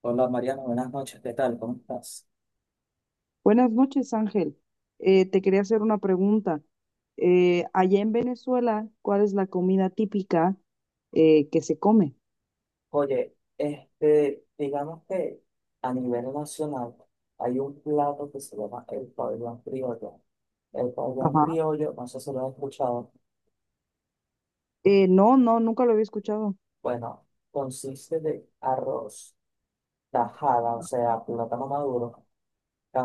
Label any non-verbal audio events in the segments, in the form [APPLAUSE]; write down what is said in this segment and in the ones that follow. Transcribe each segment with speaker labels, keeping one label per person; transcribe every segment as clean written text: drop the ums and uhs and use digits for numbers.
Speaker 1: Hola Mariano, buenas noches, ¿qué tal? ¿Cómo estás?
Speaker 2: Buenas noches, Ángel. Te quería hacer una pregunta. Allá en Venezuela, ¿cuál es la comida típica que se come?
Speaker 1: Oye, digamos que a nivel nacional hay un plato que se llama el pabellón criollo. El pabellón
Speaker 2: Ajá.
Speaker 1: criollo, no sé si lo has escuchado,
Speaker 2: No, no, nunca lo había escuchado.
Speaker 1: bueno, consiste de arroz, tajada, o sea, plátano maduro,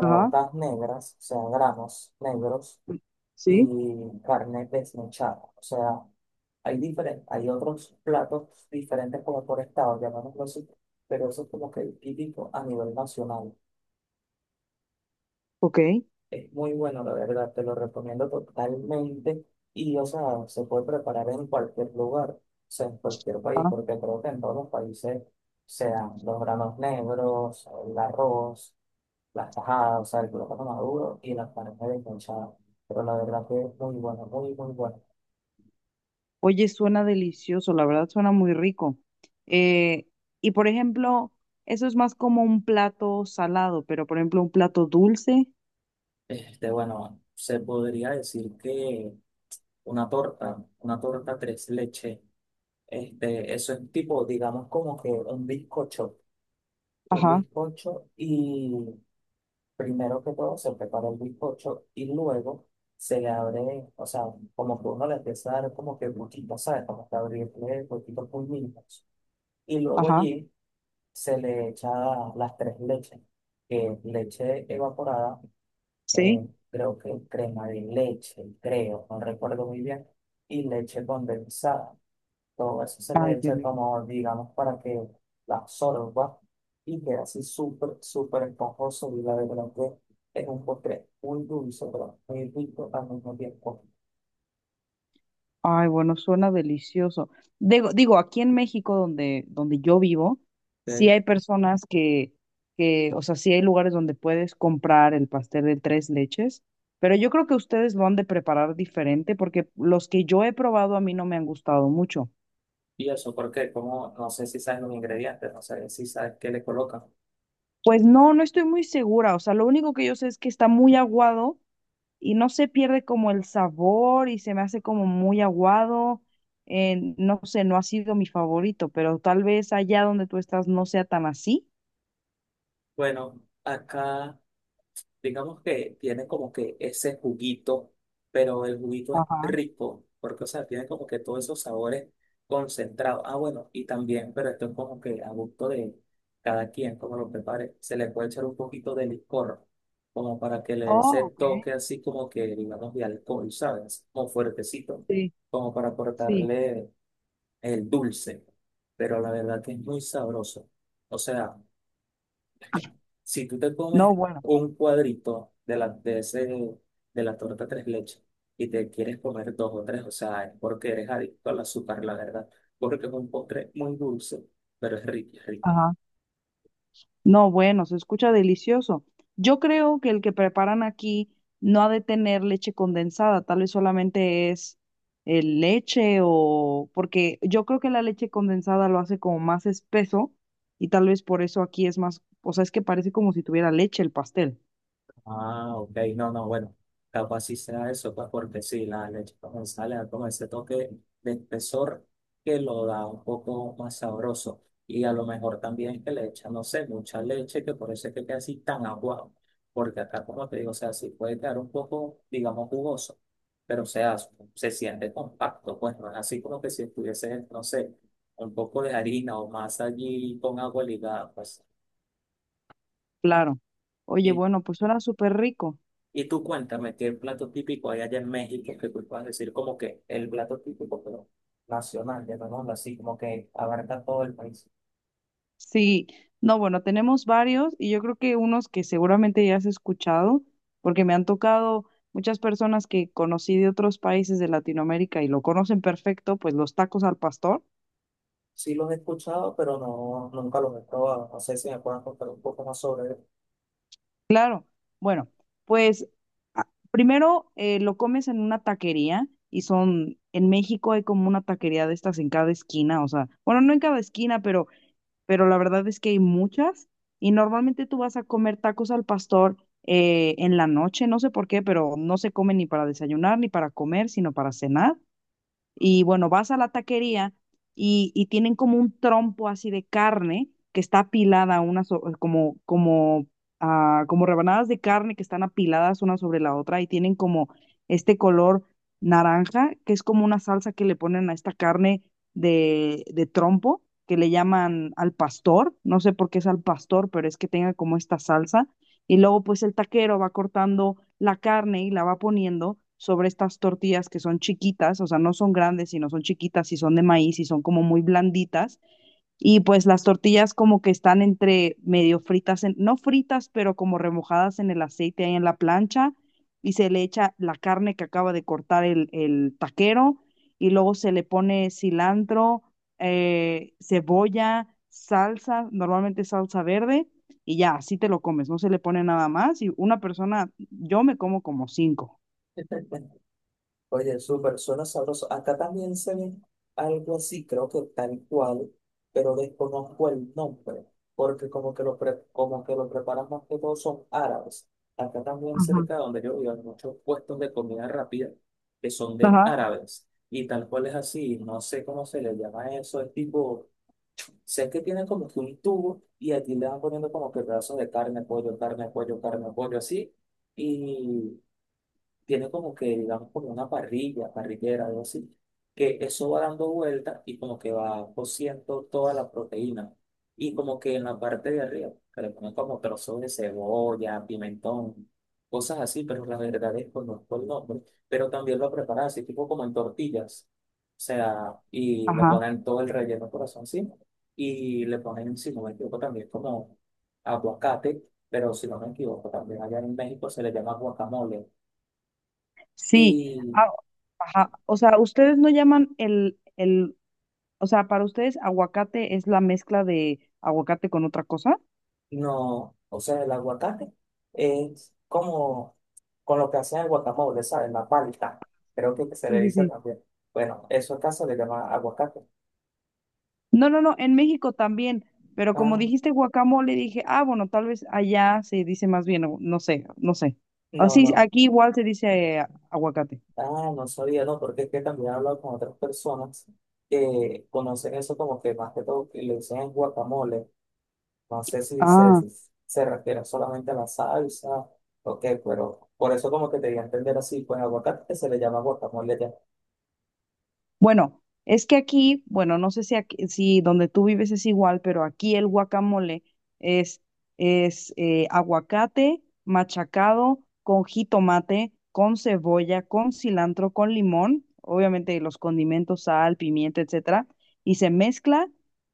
Speaker 2: Ajá.
Speaker 1: negras, o sea, granos negros,
Speaker 2: Sí,
Speaker 1: y carne desmechada, o sea, hay diferentes, hay otros platos diferentes como por estado, llamémoslo así, pero eso es como que el típico a nivel nacional.
Speaker 2: ok.
Speaker 1: Es muy bueno, la verdad, te lo recomiendo totalmente. Y, o sea, se puede preparar en cualquier lugar, o sea, en cualquier país,
Speaker 2: Ah,
Speaker 1: porque creo que en todos los países se dan los granos negros, el arroz, las tajadas, o sea, el plátano maduro y las carnes desmechadas. Pero la verdad que es muy bueno, muy, muy bueno.
Speaker 2: oye, suena delicioso, la verdad suena muy rico. Eh, y por ejemplo, eso es más como un plato salado, pero por ejemplo, un plato dulce.
Speaker 1: Bueno, se podría decir que una torta tres leches. Eso es tipo, digamos, como que un bizcocho, un
Speaker 2: Ajá,
Speaker 1: bizcocho y primero que todo se prepara el bizcocho y luego se le abre, o sea, como que uno le empieza a dar como que botitos, ¿sabes? Como que abrirle poquitos puñitos. Y luego
Speaker 2: ajá.
Speaker 1: allí se le echa las tres leches, que es leche evaporada,
Speaker 2: Sí.
Speaker 1: eh, creo que crema de leche, creo, no recuerdo muy bien, y leche condensada. Todo eso se le
Speaker 2: Ay, qué
Speaker 1: echa
Speaker 2: rico.
Speaker 1: como, digamos, para que la absorba y quede así súper, súper esponjoso. Y la verdad que es un postre muy dulce, pero muy rico al mismo tiempo.
Speaker 2: Ay, bueno, suena delicioso. Digo, aquí en México, donde yo vivo, sí
Speaker 1: Sí.
Speaker 2: hay personas que, o sea, sí hay lugares donde puedes comprar el pastel de tres leches, pero yo creo que ustedes lo han de preparar diferente porque los que yo he probado a mí no me han gustado mucho.
Speaker 1: ¿Y eso por qué? Como, no sé si saben los ingredientes, no sé si sabes qué le colocan.
Speaker 2: Pues no, no estoy muy segura. O sea, lo único que yo sé es que está muy aguado y no se pierde como el sabor y se me hace como muy aguado. No sé, no ha sido mi favorito, pero tal vez allá donde tú estás no sea tan así.
Speaker 1: Bueno, acá digamos que tiene como que ese juguito, pero el juguito es
Speaker 2: Ajá.
Speaker 1: rico, porque, o sea, tiene como que todos esos sabores concentrados. Ah, bueno, y también, pero esto es como que a gusto de cada quien, como lo prepare, se le puede echar un poquito de licor, como para que le dé ese
Speaker 2: Oh, ok.
Speaker 1: toque así como que, digamos, de alcohol, ¿sabes? Como fuertecito,
Speaker 2: Sí,
Speaker 1: como para
Speaker 2: sí.
Speaker 1: aportarle el dulce, pero la verdad que es muy sabroso. O sea, si tú te
Speaker 2: No,
Speaker 1: comes
Speaker 2: bueno.
Speaker 1: un cuadrito de de la torta tres leches y te quieres comer dos o tres, o sea, es porque eres adicto al azúcar, la verdad. Porque es un postre muy dulce, pero es rico, es rico.
Speaker 2: Ajá. No, bueno, se escucha delicioso. Yo creo que el que preparan aquí no ha de tener leche condensada, tal vez solamente es leche o porque yo creo que la leche condensada lo hace como más espeso y tal vez por eso aquí es más, o sea, es que parece como si tuviera leche el pastel.
Speaker 1: Ah, ok, no, no, bueno, capaz sí sea eso, pues porque sí, la leche condensada le da como ese toque de espesor que lo da un poco más sabroso. Y a lo mejor también que le echan, no sé, mucha leche, que por eso es que queda así tan aguado. Porque acá, como te digo, o sea, sí puede quedar un poco, digamos, jugoso, pero o sea, se siente compacto, pues no es así como que si estuviese, no sé, un poco de harina o masa allí con agua ligada, pues.
Speaker 2: Claro. Oye,
Speaker 1: y
Speaker 2: bueno, pues suena súper rico.
Speaker 1: Y tú cuéntame qué plato típico hay allá en México que tú puedas decir como que el plato típico, pero nacional, llamémoslo así, como que abarca todo el país.
Speaker 2: Sí, no, bueno, tenemos varios y yo creo que unos que seguramente ya has escuchado, porque me han tocado muchas personas que conocí de otros países de Latinoamérica y lo conocen perfecto, pues los tacos al pastor.
Speaker 1: Sí los he escuchado, pero no, nunca los he probado. No sé si me puedan contar un poco más sobre
Speaker 2: Claro, bueno, pues primero lo comes en una taquería y son, en México hay como una taquería de estas en cada esquina, o sea, bueno, no en cada esquina, pero la verdad es que hay muchas y normalmente tú vas a comer tacos al pastor en la noche, no sé por qué, pero no se come ni para desayunar ni para comer, sino para cenar. Y bueno, vas a la taquería y tienen como un trompo así de carne que está apilada, una como rebanadas de carne que están apiladas una sobre la otra y tienen como este color naranja, que es como una salsa que le ponen a esta carne de trompo, que le llaman al pastor. No sé por qué es al pastor, pero es que tenga como esta salsa y luego pues el taquero va cortando la carne y la va poniendo sobre estas tortillas que son chiquitas, o sea, no son grandes, sino son chiquitas y son de maíz y son como muy blanditas. Y pues las tortillas como que están entre medio fritas, no fritas, pero como remojadas en el aceite ahí en la plancha y se le echa la carne que acaba de cortar el taquero y luego se le pone cilantro, cebolla, salsa, normalmente salsa verde y ya, así te lo comes, no se le pone nada más y una persona, yo me como como cinco.
Speaker 1: él. [LAUGHS] Oye, súper, suena sabroso. Acá también se ve algo así, creo que tal cual, pero desconozco el nombre, porque como que como que lo preparan más que todo son árabes. Acá también
Speaker 2: Ajá,
Speaker 1: cerca de donde yo vivo hay muchos puestos de comida rápida que son de
Speaker 2: ajá,
Speaker 1: árabes. Y tal cual es así, no sé cómo se le llama eso, es tipo, sé que tienen como que un tubo y aquí le van poniendo como que pedazos de carne, pollo, carne, pollo, carne, pollo, así. y Tiene como que, digamos, como una parrilla, parrillera, algo así, que eso va dando vueltas y como que va cociendo toda la proteína. Y como que en la parte de arriba, que le ponen como trozos de cebolla, pimentón, cosas así, pero la verdad es que conozco el nombre. Pero también lo preparan así, tipo como en tortillas. O sea, y le
Speaker 2: ajá.
Speaker 1: ponen todo el relleno corazón encima. Y le ponen, si no me equivoco, también como aguacate, pero si no me equivoco, también allá en México se le llama guacamole
Speaker 2: Sí,
Speaker 1: y
Speaker 2: ah, ajá. O sea, ustedes no llaman el o sea, para ustedes, aguacate es la mezcla de aguacate con otra cosa.
Speaker 1: no, o sea, el aguacate es como con lo que hacen el guacamole, ¿sabes? La palta, creo que se
Speaker 2: Sí,
Speaker 1: le
Speaker 2: sí,
Speaker 1: dice
Speaker 2: sí.
Speaker 1: también. Bueno, eso acá se le llama aguacate.
Speaker 2: No, no, no, en México también, pero como
Speaker 1: Ah,
Speaker 2: dijiste guacamole, dije, ah, bueno, tal vez allá se dice más bien, o no sé, no sé.
Speaker 1: no,
Speaker 2: Así,
Speaker 1: no,
Speaker 2: aquí igual se dice aguacate.
Speaker 1: ah, no sabía, no, porque es que también he hablado con otras personas que conocen eso como que más que todo que le dicen es guacamole. No sé si se,
Speaker 2: Ah.
Speaker 1: si se refiere solamente a la salsa, ok, pero por eso como que te di a entender así, pues aguacate que se le llama guacamole.
Speaker 2: Bueno, es que aquí, bueno, no sé si si donde tú vives es igual, pero aquí el guacamole es, es aguacate machacado con jitomate, con cebolla, con cilantro, con limón, obviamente los condimentos, sal, pimienta, etcétera, y se mezcla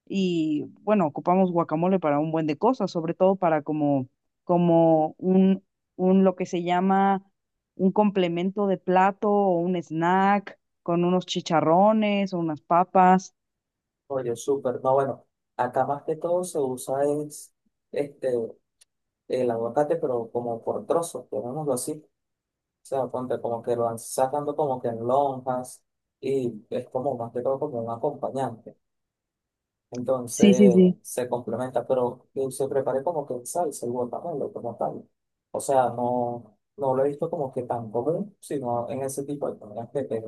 Speaker 2: y bueno, ocupamos guacamole para un buen de cosas, sobre todo para como, como un, un lo que se llama un complemento de plato o un snack con unos chicharrones o unas papas.
Speaker 1: Oye, súper. No, bueno, acá más que todo se usa es este, el aguacate, pero como por trozos, llamémoslo así. O sea, ponte como que lo van sacando como que en lonjas y es como más que todo como un acompañante.
Speaker 2: Sí, sí,
Speaker 1: Entonces
Speaker 2: sí.
Speaker 1: se complementa, pero yo se preparé como que el salsa, el guacamole como tal. O sea, no, no lo he visto como que tan común, sino en ese tipo de comidas que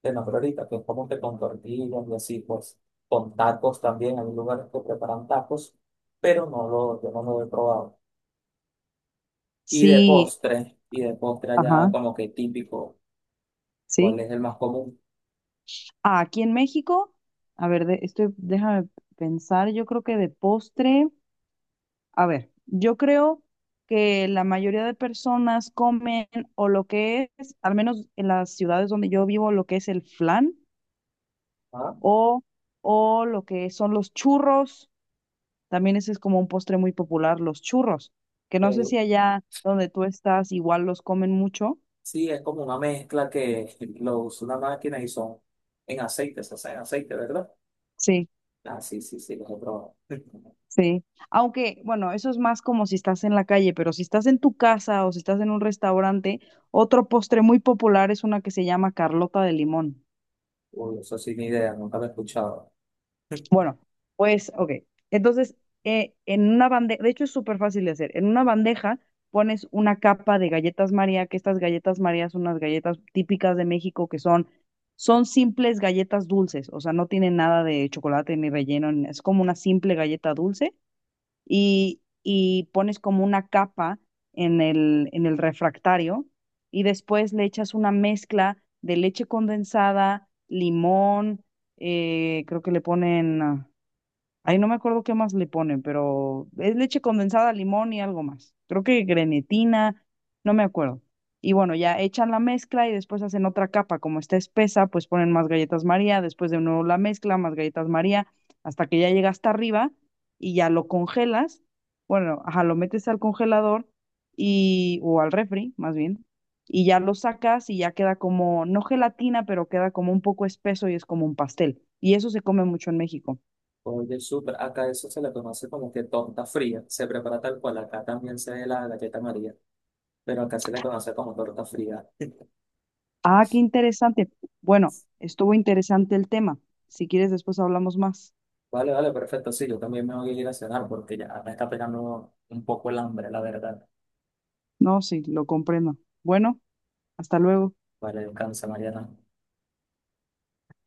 Speaker 1: te nombré ahorita, que es como que con tortillas y así, pues con tacos también. Hay lugares que preparan tacos, pero yo no lo he probado. Y de
Speaker 2: Sí,
Speaker 1: postre, y de postre allá
Speaker 2: ajá,
Speaker 1: como que típico, ¿cuál
Speaker 2: sí.
Speaker 1: es el más común?
Speaker 2: Ah, aquí en México, a ver, déjame pensar, yo creo que de postre, a ver, yo creo que la mayoría de personas comen o lo que es, al menos en las ciudades donde yo vivo, lo que es el flan
Speaker 1: ¿Ah?
Speaker 2: o, o lo que son los churros. También ese es como un postre muy popular, los churros, que no sé si allá donde tú estás igual los comen mucho.
Speaker 1: Sí, es como una mezcla que lo usa una máquina y son en aceite, se hace en aceite, ¿verdad?
Speaker 2: Sí.
Speaker 1: Ah, sí, sí, sí, los he probado. [LAUGHS]
Speaker 2: Sí, aunque, bueno, eso es más como si estás en la calle, pero si estás en tu casa o si estás en un restaurante, otro postre muy popular es una que se llama Carlota de limón.
Speaker 1: Uy, eso sin idea, nunca lo he escuchado.
Speaker 2: Bueno, pues, ok. Entonces, en una bandeja, de hecho es súper fácil de hacer, en una bandeja pones una capa de galletas María, que estas galletas María son unas galletas típicas de México que son simples galletas dulces, o sea, no tienen nada de chocolate ni relleno, es como una simple galleta dulce y pones como una capa en en el refractario y después le echas una mezcla de leche condensada, limón, creo que le ponen, ah, ahí no me acuerdo qué más le ponen, pero es leche condensada, limón y algo más. Creo que grenetina, no me acuerdo. Y bueno, ya echan la mezcla y después hacen otra capa. Como está espesa, pues ponen más galletas María, después de nuevo la mezcla, más galletas María, hasta que ya llega hasta arriba y ya lo congelas. Bueno, ajá, lo metes al congelador o al refri, más bien, y ya lo sacas y ya queda como, no gelatina, pero queda como un poco espeso y es como un pastel. Y eso se come mucho en México.
Speaker 1: Oye, súper, acá eso se le conoce como que torta fría, se prepara tal cual, acá también se ve la galleta María, pero acá se le conoce como torta fría.
Speaker 2: Ah, qué interesante. Bueno, estuvo interesante el tema. Si quieres, después hablamos más.
Speaker 1: Vale, vale, perfecto, sí, yo también me voy a ir a cenar porque ya me está pegando un poco el hambre, la verdad.
Speaker 2: No, sí, lo comprendo. Bueno, hasta luego.
Speaker 1: Vale, descansa, Mariana.